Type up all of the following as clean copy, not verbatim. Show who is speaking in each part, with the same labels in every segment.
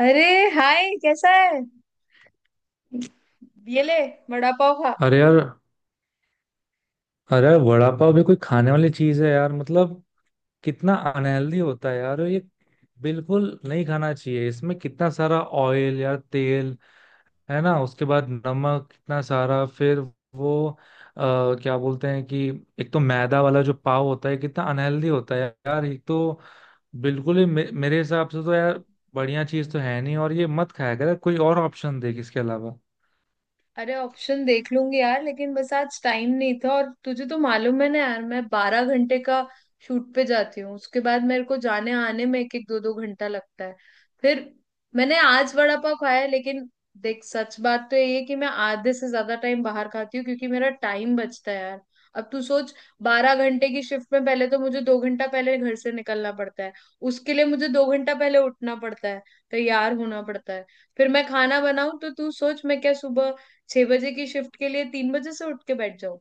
Speaker 1: अरे, हाय कैसा है। ये ले, वड़ा पाव खा।
Speaker 2: अरे यार। अरे यार, वड़ा पाव भी कोई खाने वाली चीज है यार? मतलब कितना अनहेल्दी होता है यार ये। बिल्कुल नहीं खाना चाहिए। इसमें कितना सारा ऑयल यार, तेल है ना। उसके बाद नमक कितना सारा। फिर वो क्या बोलते हैं कि एक तो मैदा वाला जो पाव होता है कितना अनहेल्दी होता है यार ये तो। बिल्कुल ही मेरे हिसाब से तो यार बढ़िया चीज तो है नहीं। और ये मत खाया कर, कोई और ऑप्शन देख इसके अलावा।
Speaker 1: अरे ऑप्शन देख लूंगी यार, लेकिन बस आज टाइम नहीं था। और तुझे तो मालूम है ना यार, मैं 12 घंटे का शूट पे जाती हूँ। उसके बाद मेरे को जाने आने में एक एक दो दो घंटा लगता है। फिर मैंने आज वड़ा पाव खाया है, लेकिन देख, सच बात तो ये है कि मैं आधे से ज्यादा टाइम बाहर खाती हूँ क्योंकि मेरा टाइम बचता है यार। अब तू सोच, 12 घंटे की शिफ्ट में पहले तो मुझे 2 घंटा पहले घर से निकलना पड़ता है। उसके लिए मुझे 2 घंटा पहले उठना पड़ता है, तैयार होना पड़ता है। फिर मैं खाना बनाऊं तो तू सोच, मैं क्या सुबह 6 बजे की शिफ्ट के लिए 3 बजे से उठ के बैठ जाओ?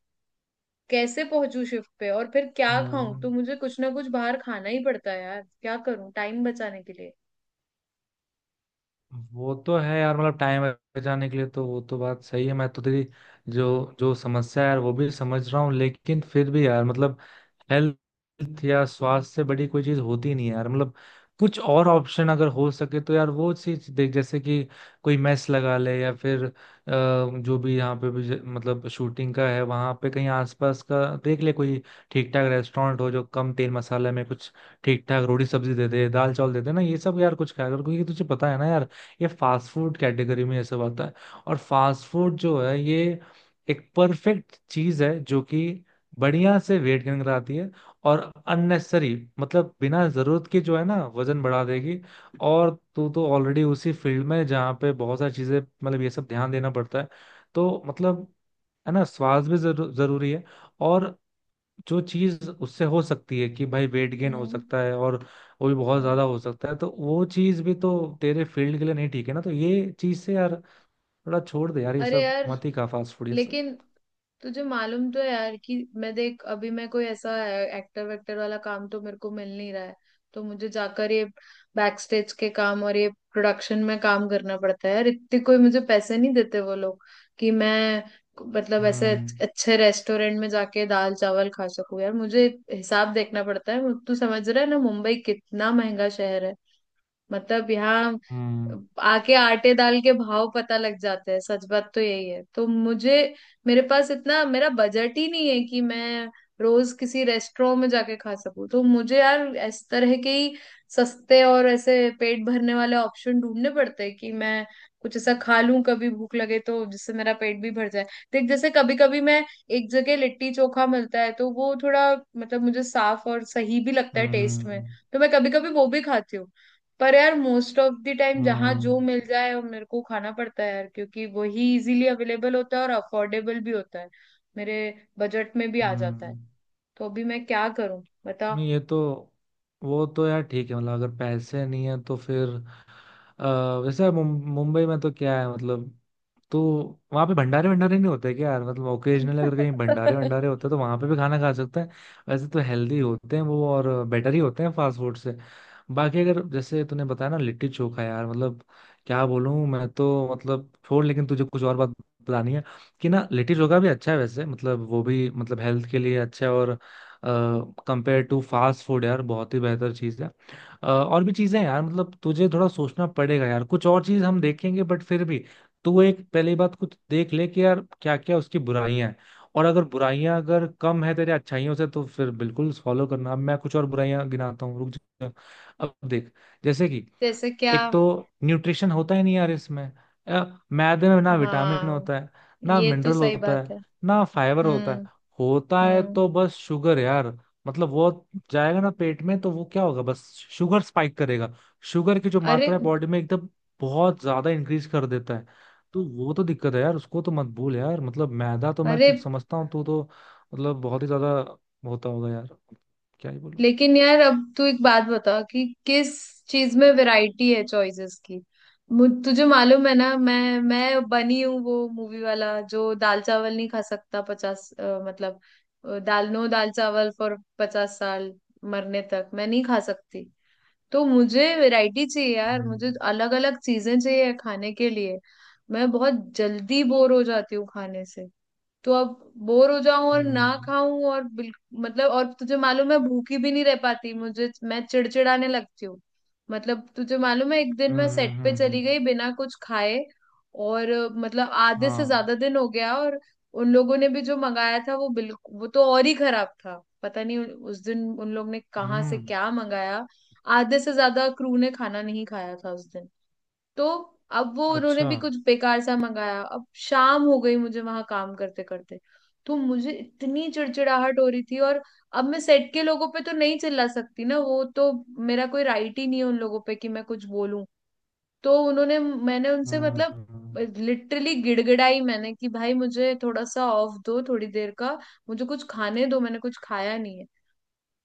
Speaker 1: कैसे पहुंचू शिफ्ट पे? और फिर क्या खाऊं?
Speaker 2: हम्म।
Speaker 1: तो मुझे कुछ ना कुछ बाहर खाना ही पड़ता है यार, क्या करूं टाइम बचाने के लिए।
Speaker 2: वो तो है यार। मतलब टाइम बचाने के लिए तो वो तो बात सही है। मैं तो तेरी जो जो समस्या है यार वो भी समझ रहा हूँ, लेकिन फिर भी यार मतलब हेल्थ या स्वास्थ्य से बड़ी कोई चीज होती नहीं है यार। मतलब कुछ और ऑप्शन अगर हो सके तो यार वो चीज देख। जैसे कि कोई मेस लगा ले, या फिर जो भी यहाँ पे भी मतलब शूटिंग का है वहां पे कहीं आसपास का देख ले, कोई ठीक ठाक रेस्टोरेंट हो जो कम तेल मसाले में कुछ ठीक ठाक रोटी सब्जी दे दे, दाल चावल दे दे ना ये सब। यार कुछ खाया कर, क्योंकि तुझे पता है ना यार ये फास्ट फूड कैटेगरी में ये सब आता है। और फास्ट फूड जो है ये एक परफेक्ट चीज है जो कि बढ़िया से वेट गेन कराती है। और अननेसेसरी, मतलब बिना जरूरत के, जो है ना वजन बढ़ा देगी। और तू तो ऑलरेडी उसी फील्ड में है जहाँ पे बहुत सारी चीजें मतलब ये सब ध्यान देना पड़ता है। तो मतलब है ना, स्वास्थ्य भी जरूरी है। और जो चीज उससे हो सकती है कि भाई वेट गेन हो
Speaker 1: हम्म।
Speaker 2: सकता है, और वो भी बहुत
Speaker 1: हम्म।
Speaker 2: ज्यादा हो सकता है। तो वो चीज भी तो तेरे फील्ड के लिए नहीं ठीक है ना। तो ये चीज से यार थोड़ा छोड़ दे यार, ये
Speaker 1: अरे
Speaker 2: सब
Speaker 1: यार,
Speaker 2: मत ही खा फास्ट फूड ये सब।
Speaker 1: लेकिन तुझे मालूम तो है यार कि मैं, देख, अभी मैं कोई ऐसा एक्टर वेक्टर वाला काम तो मेरे को मिल नहीं रहा है। तो मुझे जाकर ये बैक स्टेज के काम और ये प्रोडक्शन में काम करना पड़ता है यार। इतने कोई मुझे पैसे नहीं देते वो लोग कि मैं, मतलब, ऐसे
Speaker 2: हम्म।
Speaker 1: अच्छे रेस्टोरेंट में जाके दाल चावल खा सकूं यार। मुझे हिसाब देखना पड़ता है। तू समझ रहा है ना, मुंबई कितना महंगा शहर है। मतलब यहाँ
Speaker 2: हम्म।
Speaker 1: आके आटे दाल के भाव पता लग जाते हैं, सच बात तो यही है। तो मुझे, मेरे पास इतना मेरा बजट ही नहीं है कि मैं रोज किसी रेस्टोरेंट में जाके खा सकूं। तो मुझे यार इस तरह के ही सस्ते और ऐसे पेट भरने वाले ऑप्शन ढूंढने पड़ते हैं कि मैं कुछ ऐसा खा लूं कभी भूख लगे, तो जिससे मेरा पेट भी भर जाए। देख जैसे कभी कभी मैं, एक जगह लिट्टी चोखा मिलता है तो वो थोड़ा, मतलब, मुझे साफ और सही भी लगता है टेस्ट में।
Speaker 2: हम्म।
Speaker 1: तो मैं कभी कभी वो भी खाती हूँ। पर यार मोस्ट ऑफ द टाइम जहाँ
Speaker 2: हम्म।
Speaker 1: जो मिल जाए वो मेरे को खाना पड़ता है यार, क्योंकि वही इजीली अवेलेबल होता है और अफोर्डेबल भी होता है, मेरे बजट में भी आ जाता है।
Speaker 2: हम्म।
Speaker 1: तो अभी मैं क्या करूं बता।
Speaker 2: नहीं ये तो वो तो यार ठीक है। मतलब अगर पैसे नहीं है तो फिर अ, वैसे मुंबई में तो क्या है मतलब। तो वहाँ पे भंडारे भंडारे नहीं होते क्या यार? मतलब ओकेजनल अगर कहीं भंडारे भंडारे होते तो वहाँ पे भी खाना खा सकते हैं। वैसे तो हेल्दी होते हैं वो, और बेटर ही होते हैं फास्ट फूड से। बाकी अगर जैसे तूने बताया ना लिट्टी चोखा, यार मतलब क्या बोलूँ मैं तो। मतलब छोड़, लेकिन तुझे कुछ और बात बतानी है कि ना लिट्टी चोखा भी अच्छा है वैसे। मतलब वो भी मतलब हेल्थ के लिए अच्छा है, और कंपेयर टू फास्ट फूड यार बहुत ही बेहतर चीज़ है। और भी चीजें हैं यार मतलब। तुझे थोड़ा सोचना पड़ेगा यार, कुछ और चीज हम देखेंगे, बट फिर भी तू एक पहली बात कुछ देख ले कि यार क्या क्या उसकी बुराइयां हैं। और अगर बुराइयां अगर कम है तेरे अच्छाइयों से तो फिर बिल्कुल फॉलो करना। अब मैं कुछ और बुराइयां गिनाता हूँ, रुक जा। अब देख, जैसे कि
Speaker 1: जैसे क्या?
Speaker 2: एक तो न्यूट्रिशन होता ही नहीं यार इसमें। अ, मैदे में ना विटामिन
Speaker 1: हाँ
Speaker 2: होता है, ना
Speaker 1: ये तो
Speaker 2: मिनरल
Speaker 1: सही
Speaker 2: होता
Speaker 1: बात
Speaker 2: है,
Speaker 1: है।
Speaker 2: ना फाइबर होता है।
Speaker 1: हम्म।
Speaker 2: होता है
Speaker 1: हम्म।
Speaker 2: तो बस शुगर यार। मतलब वो जाएगा ना पेट में तो वो क्या होगा, बस शुगर स्पाइक करेगा। शुगर की जो
Speaker 1: अरे।
Speaker 2: मात्रा है बॉडी में एकदम बहुत ज्यादा इंक्रीज कर देता है। तो वो तो दिक्कत है यार, उसको तो मत भूल यार। मतलब मैदा तो मैं
Speaker 1: अरे।
Speaker 2: तो समझता हूँ तू तो मतलब बहुत ही ज्यादा होता होगा यार, क्या ही बोलूं।
Speaker 1: लेकिन यार, अब तू एक बात बता कि किस चीज में वैरायटी है चॉइसेस की। मुझ तुझे मालूम है ना, मैं बनी हूँ वो मूवी वाला जो दाल चावल नहीं खा सकता पचास, मतलब, दाल नो दाल चावल फॉर 50 साल। मरने तक मैं नहीं खा सकती। तो मुझे वैरायटी चाहिए यार,
Speaker 2: हम्म।
Speaker 1: मुझे अलग अलग चीजें चाहिए खाने के लिए। मैं बहुत जल्दी बोर हो जाती हूँ खाने से। तो अब बोर हो जाऊं और ना
Speaker 2: हम्म।
Speaker 1: खाऊं और बिल, मतलब, और तुझे मालूम है भूखी भी नहीं रह पाती, मुझे मैं चिड़चिड़ाने लगती हूँ। मतलब तुझे मालूम है, एक दिन
Speaker 2: हम्म।
Speaker 1: मैं सेट
Speaker 2: हम्म।
Speaker 1: पे चली गई बिना कुछ खाए, और मतलब आधे से
Speaker 2: हाँ।
Speaker 1: ज्यादा दिन हो गया और उन लोगों ने भी जो मंगाया था वो बिल्कुल, वो तो और ही खराब था, पता नहीं उस दिन उन लोग ने कहाँ से
Speaker 2: हम्म।
Speaker 1: क्या मंगाया। आधे से ज्यादा क्रू ने खाना नहीं खाया था उस दिन। तो अब वो उन्होंने
Speaker 2: अच्छा।
Speaker 1: भी कुछ बेकार सा मंगाया, अब शाम हो गई मुझे वहां काम करते करते। तो मुझे इतनी चिड़चिड़ाहट हो रही थी। और अब मैं सेट के लोगों पे तो नहीं चिल्ला सकती ना, वो तो मेरा कोई राइट ही नहीं है उन लोगों पे कि मैं कुछ बोलूं। तो उन्होंने मैंने उनसे,
Speaker 2: हम्म।
Speaker 1: मतलब, लिटरली गिड़गिड़ाई मैंने कि भाई मुझे थोड़ा सा ऑफ दो थोड़ी देर का, मुझे कुछ खाने दो, मैंने कुछ खाया नहीं है।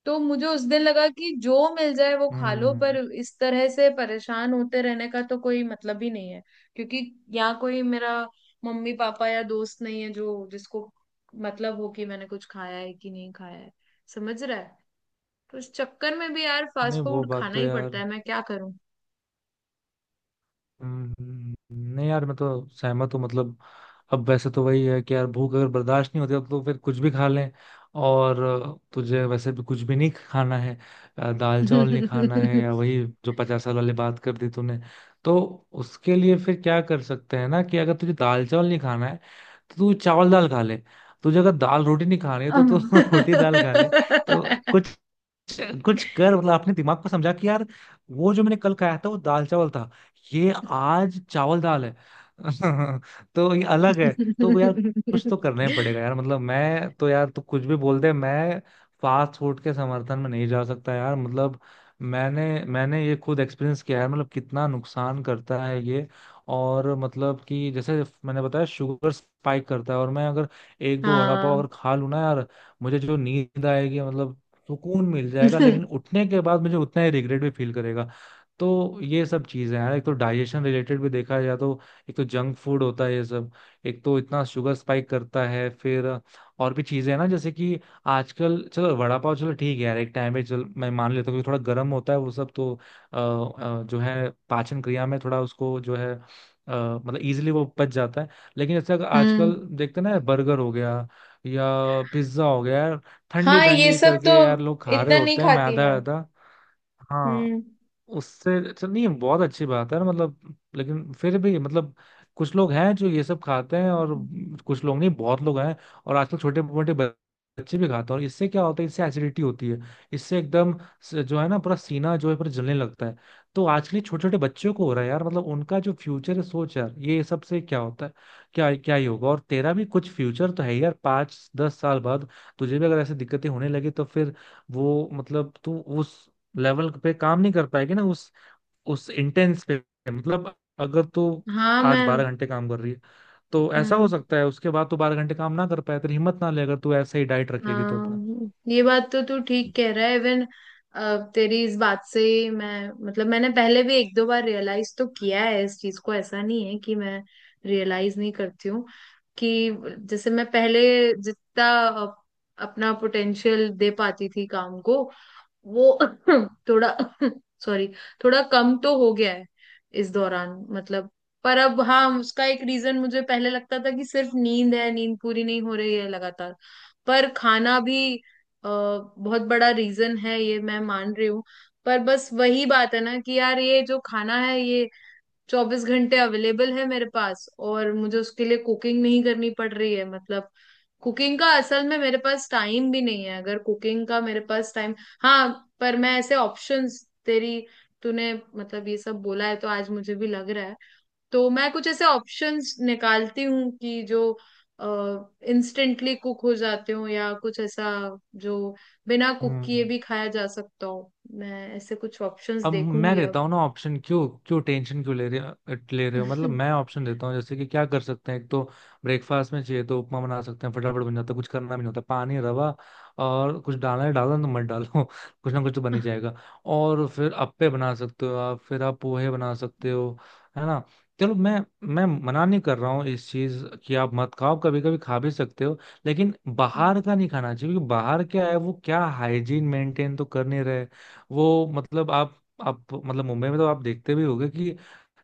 Speaker 1: तो मुझे उस दिन लगा कि जो मिल जाए वो खा लो, पर
Speaker 2: हम्म।
Speaker 1: इस तरह से परेशान होते रहने का तो कोई मतलब ही नहीं है। क्योंकि यहाँ कोई मेरा मम्मी पापा या दोस्त नहीं है जो, जिसको, मतलब हो कि मैंने कुछ खाया है कि नहीं खाया है, समझ रहा है। तो इस चक्कर में भी यार फास्ट
Speaker 2: नहीं वो
Speaker 1: फूड
Speaker 2: बात
Speaker 1: खाना
Speaker 2: तो
Speaker 1: ही पड़ता
Speaker 2: यार।
Speaker 1: है, मैं क्या करूं।
Speaker 2: नहीं यार मैं तो सहमत हूँ। मतलब अब वैसे तो वही है कि यार भूख अगर बर्दाश्त नहीं होती अब तो फिर कुछ भी खा लें। और तुझे वैसे भी कुछ भी नहीं खाना है। दाल चावल नहीं खाना है, या वही जो 50 साल वाले बात कर दी तूने। तो उसके लिए फिर क्या कर सकते हैं ना, कि अगर तुझे दाल चावल नहीं खाना है तो तू चावल दाल खा ले। तुझे अगर दाल रोटी नहीं खानी है तो तू रोटी दाल खा ले। तो कुछ कुछ कर। मतलब अपने दिमाग को समझा कि यार वो जो मैंने कल खाया था वो दाल चावल था, ये आज चावल दाल है। तो ये अलग है। तो यार कुछ तो करना ही पड़ेगा यार। मतलब मैं तो यार, तू कुछ भी बोल दे, मैं फास्ट फूड के समर्थन में नहीं जा सकता यार। मतलब मैंने मैंने ये खुद एक्सपीरियंस किया है, मतलब कितना नुकसान करता है ये। और मतलब कि जैसे मैंने बताया शुगर स्पाइक करता है, और मैं अगर 1-2 वड़ा पाव
Speaker 1: हाँ।
Speaker 2: अगर खा लूँ ना यार, मुझे जो नींद आएगी मतलब सुकून मिल जाएगा, लेकिन उठने के बाद मुझे उतना ही रिग्रेट भी फील करेगा। तो ये सब चीजें हैं यार। एक तो डाइजेशन रिलेटेड भी देखा जाए तो एक तो जंक फूड होता है ये सब। एक तो इतना शुगर स्पाइक करता है। फिर और भी चीजें हैं ना, जैसे कि आजकल चलो वड़ा पाव चलो ठीक है यार, एक टाइम पे चल मैं मान लेता हूँ कि थोड़ा गर्म होता है वो सब तो जो है पाचन क्रिया में थोड़ा उसको जो है मतलब इजीली वो पच जाता है। लेकिन जैसे अगर
Speaker 1: हम्म।
Speaker 2: आजकल देखते हैं ना, बर्गर हो गया या पिज्जा हो गया, ठंडी
Speaker 1: हाँ ये
Speaker 2: ठंडी
Speaker 1: सब तो
Speaker 2: करके यार लोग खा रहे
Speaker 1: इतना नहीं
Speaker 2: होते हैं
Speaker 1: खाती
Speaker 2: मैदा
Speaker 1: मैं।
Speaker 2: वैदा। हाँ,
Speaker 1: हम्म।
Speaker 2: उससे अच्छा नहीं बहुत अच्छी बात है ना मतलब, लेकिन फिर भी मतलब कुछ लोग हैं जो ये सब खाते हैं, और कुछ लोग नहीं, बहुत लोग हैं। और आजकल छोटे मोटे बच्चे भी खाते हैं, और इससे क्या होता है, इससे एसिडिटी होती है। इससे एकदम जो है ना पूरा सीना जो है पूरा जलने लगता है। तो आजकल छोटे छोटे बच्चों को हो रहा है यार। मतलब उनका जो फ्यूचर है सोच यार, ये सब से क्या होता है, क्या क्या ही होगा। और तेरा भी कुछ फ्यूचर तो है ही यार, 5-10 साल बाद तुझे भी अगर ऐसी दिक्कतें होने लगी तो फिर वो मतलब तू उस लेवल पे काम नहीं कर पाएगी ना, उस इंटेंस पे। मतलब अगर तू
Speaker 1: हाँ
Speaker 2: आज बारह
Speaker 1: मैं।
Speaker 2: घंटे काम कर रही है तो ऐसा हो
Speaker 1: हम्म।
Speaker 2: सकता है उसके बाद तू 12 घंटे काम ना कर पाए। तेरी हिम्मत ना ले अगर तू ऐसे ही डाइट रखेगी तो अपना।
Speaker 1: हाँ ये बात तो तू ठीक कह रहा है। इवन तेरी इस बात से ही मैं, मतलब, मैंने पहले भी एक दो बार रियलाइज तो किया है इस चीज को, ऐसा नहीं है कि मैं रियलाइज नहीं करती हूँ। कि जैसे मैं पहले जितना अपना पोटेंशियल दे पाती थी काम को, वो थोड़ा सॉरी, थोड़ा कम तो हो गया है इस दौरान, मतलब। पर अब हाँ, उसका एक रीजन मुझे पहले लगता था कि सिर्फ नींद है, नींद पूरी नहीं हो रही है लगातार। पर खाना भी बहुत बड़ा रीजन है ये, मैं मान रही हूँ। पर बस वही बात है ना कि यार, ये जो खाना है ये 24 घंटे अवेलेबल है मेरे पास, और मुझे उसके लिए कुकिंग नहीं करनी पड़ रही है। मतलब कुकिंग का असल में मेरे पास टाइम भी नहीं है। अगर कुकिंग का मेरे पास टाइम, हाँ। पर मैं ऐसे ऑप्शंस, तेरी, तूने मतलब ये सब बोला है तो आज मुझे भी लग रहा है, तो मैं कुछ ऐसे ऑप्शंस निकालती हूँ कि जो इंस्टेंटली कुक हो जाते हो, या कुछ ऐसा जो बिना कुक
Speaker 2: हम्म।
Speaker 1: किए भी खाया जा सकता हो। मैं ऐसे कुछ ऑप्शंस
Speaker 2: अब मैं
Speaker 1: देखूंगी
Speaker 2: देता हूँ ना ऑप्शन, क्यों क्यों टेंशन क्यों ले रहे हो मतलब।
Speaker 1: अब।
Speaker 2: मैं ऑप्शन देता हूँ, जैसे कि क्या कर सकते हैं, एक तो ब्रेकफास्ट में चाहिए तो उपमा बना सकते हैं। फटाफट बन जाता है, कुछ करना भी नहीं होता, पानी रवा और कुछ डालना है डालना, तो मत डालो कुछ ना कुछ तो बन ही जाएगा। और फिर अप्पे बना सकते हो आप, फिर आप पोहे बना सकते हो, है ना। चलो, मैं मना नहीं कर रहा हूँ इस चीज कि आप मत खाओ, कभी कभी खा भी सकते हो। लेकिन बाहर का नहीं खाना चाहिए, क्योंकि बाहर क्या है, वो क्या हाइजीन मेंटेन तो कर नहीं रहे। वो मतलब आप मतलब मुंबई में तो आप देखते भी होंगे कि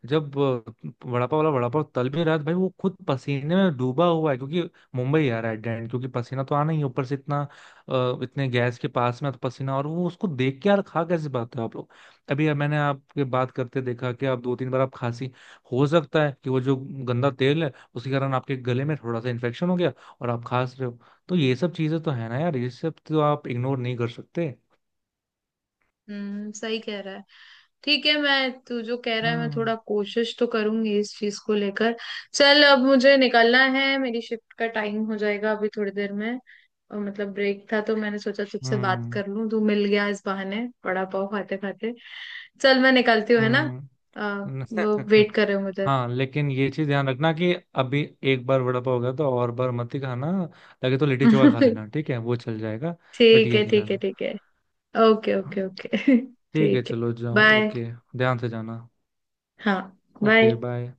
Speaker 2: जब वड़ा पाव वाला वड़ा पाव तल भी रहा है, तो भाई वो खुद पसीने में डूबा हुआ है, क्योंकि मुंबई आ रहा है डेंट, क्योंकि पसीना तो आना ही है, ऊपर से इतना इतने गैस के पास में तो पसीना, और वो उसको देख के यार खा कैसे पाते हो आप लोग। अभी मैंने आपके बात करते देखा कि आप 2-3 बार आप खांसी। हो सकता है कि वो जो गंदा तेल है उसके कारण आपके गले में थोड़ा सा इन्फेक्शन हो गया और आप खांस रहे हो। तो ये सब चीजें तो है ना यार, ये सब तो आप इग्नोर नहीं कर सकते।
Speaker 1: हम्म, सही कह रहा है। ठीक है, मैं, तू जो कह रहा है मैं
Speaker 2: हम्म।
Speaker 1: थोड़ा कोशिश तो करूंगी इस चीज को लेकर। चल अब मुझे निकलना है, मेरी शिफ्ट का टाइम हो जाएगा अभी थोड़ी देर में। और मतलब ब्रेक था तो मैंने सोचा तुझसे बात
Speaker 2: हम्म।
Speaker 1: कर लूं, तू मिल गया इस बहाने वड़ा पाव खाते खाते। चल मैं निकलती हूँ, है ना। आ, वो
Speaker 2: हम्म।
Speaker 1: वेट कर रहे होंगे
Speaker 2: हाँ, लेकिन ये चीज ध्यान रखना कि अभी एक बार वड़ा पाव हो गया तो और बार मत ही खाना। लगे तो लिट्टी चोखा खा
Speaker 1: उधर।
Speaker 2: लेना, ठीक है, वो चल जाएगा। बट
Speaker 1: ठीक
Speaker 2: ये
Speaker 1: है,
Speaker 2: नहीं
Speaker 1: ठीक है,
Speaker 2: खाना।
Speaker 1: ठीक है। ओके,
Speaker 2: हाँ,
Speaker 1: ओके, ओके।
Speaker 2: ठीक है
Speaker 1: ठीक है।
Speaker 2: चलो जाओ।
Speaker 1: बाय।
Speaker 2: ओके, ध्यान से जाना।
Speaker 1: हाँ।
Speaker 2: Okay,
Speaker 1: bye.
Speaker 2: बाय।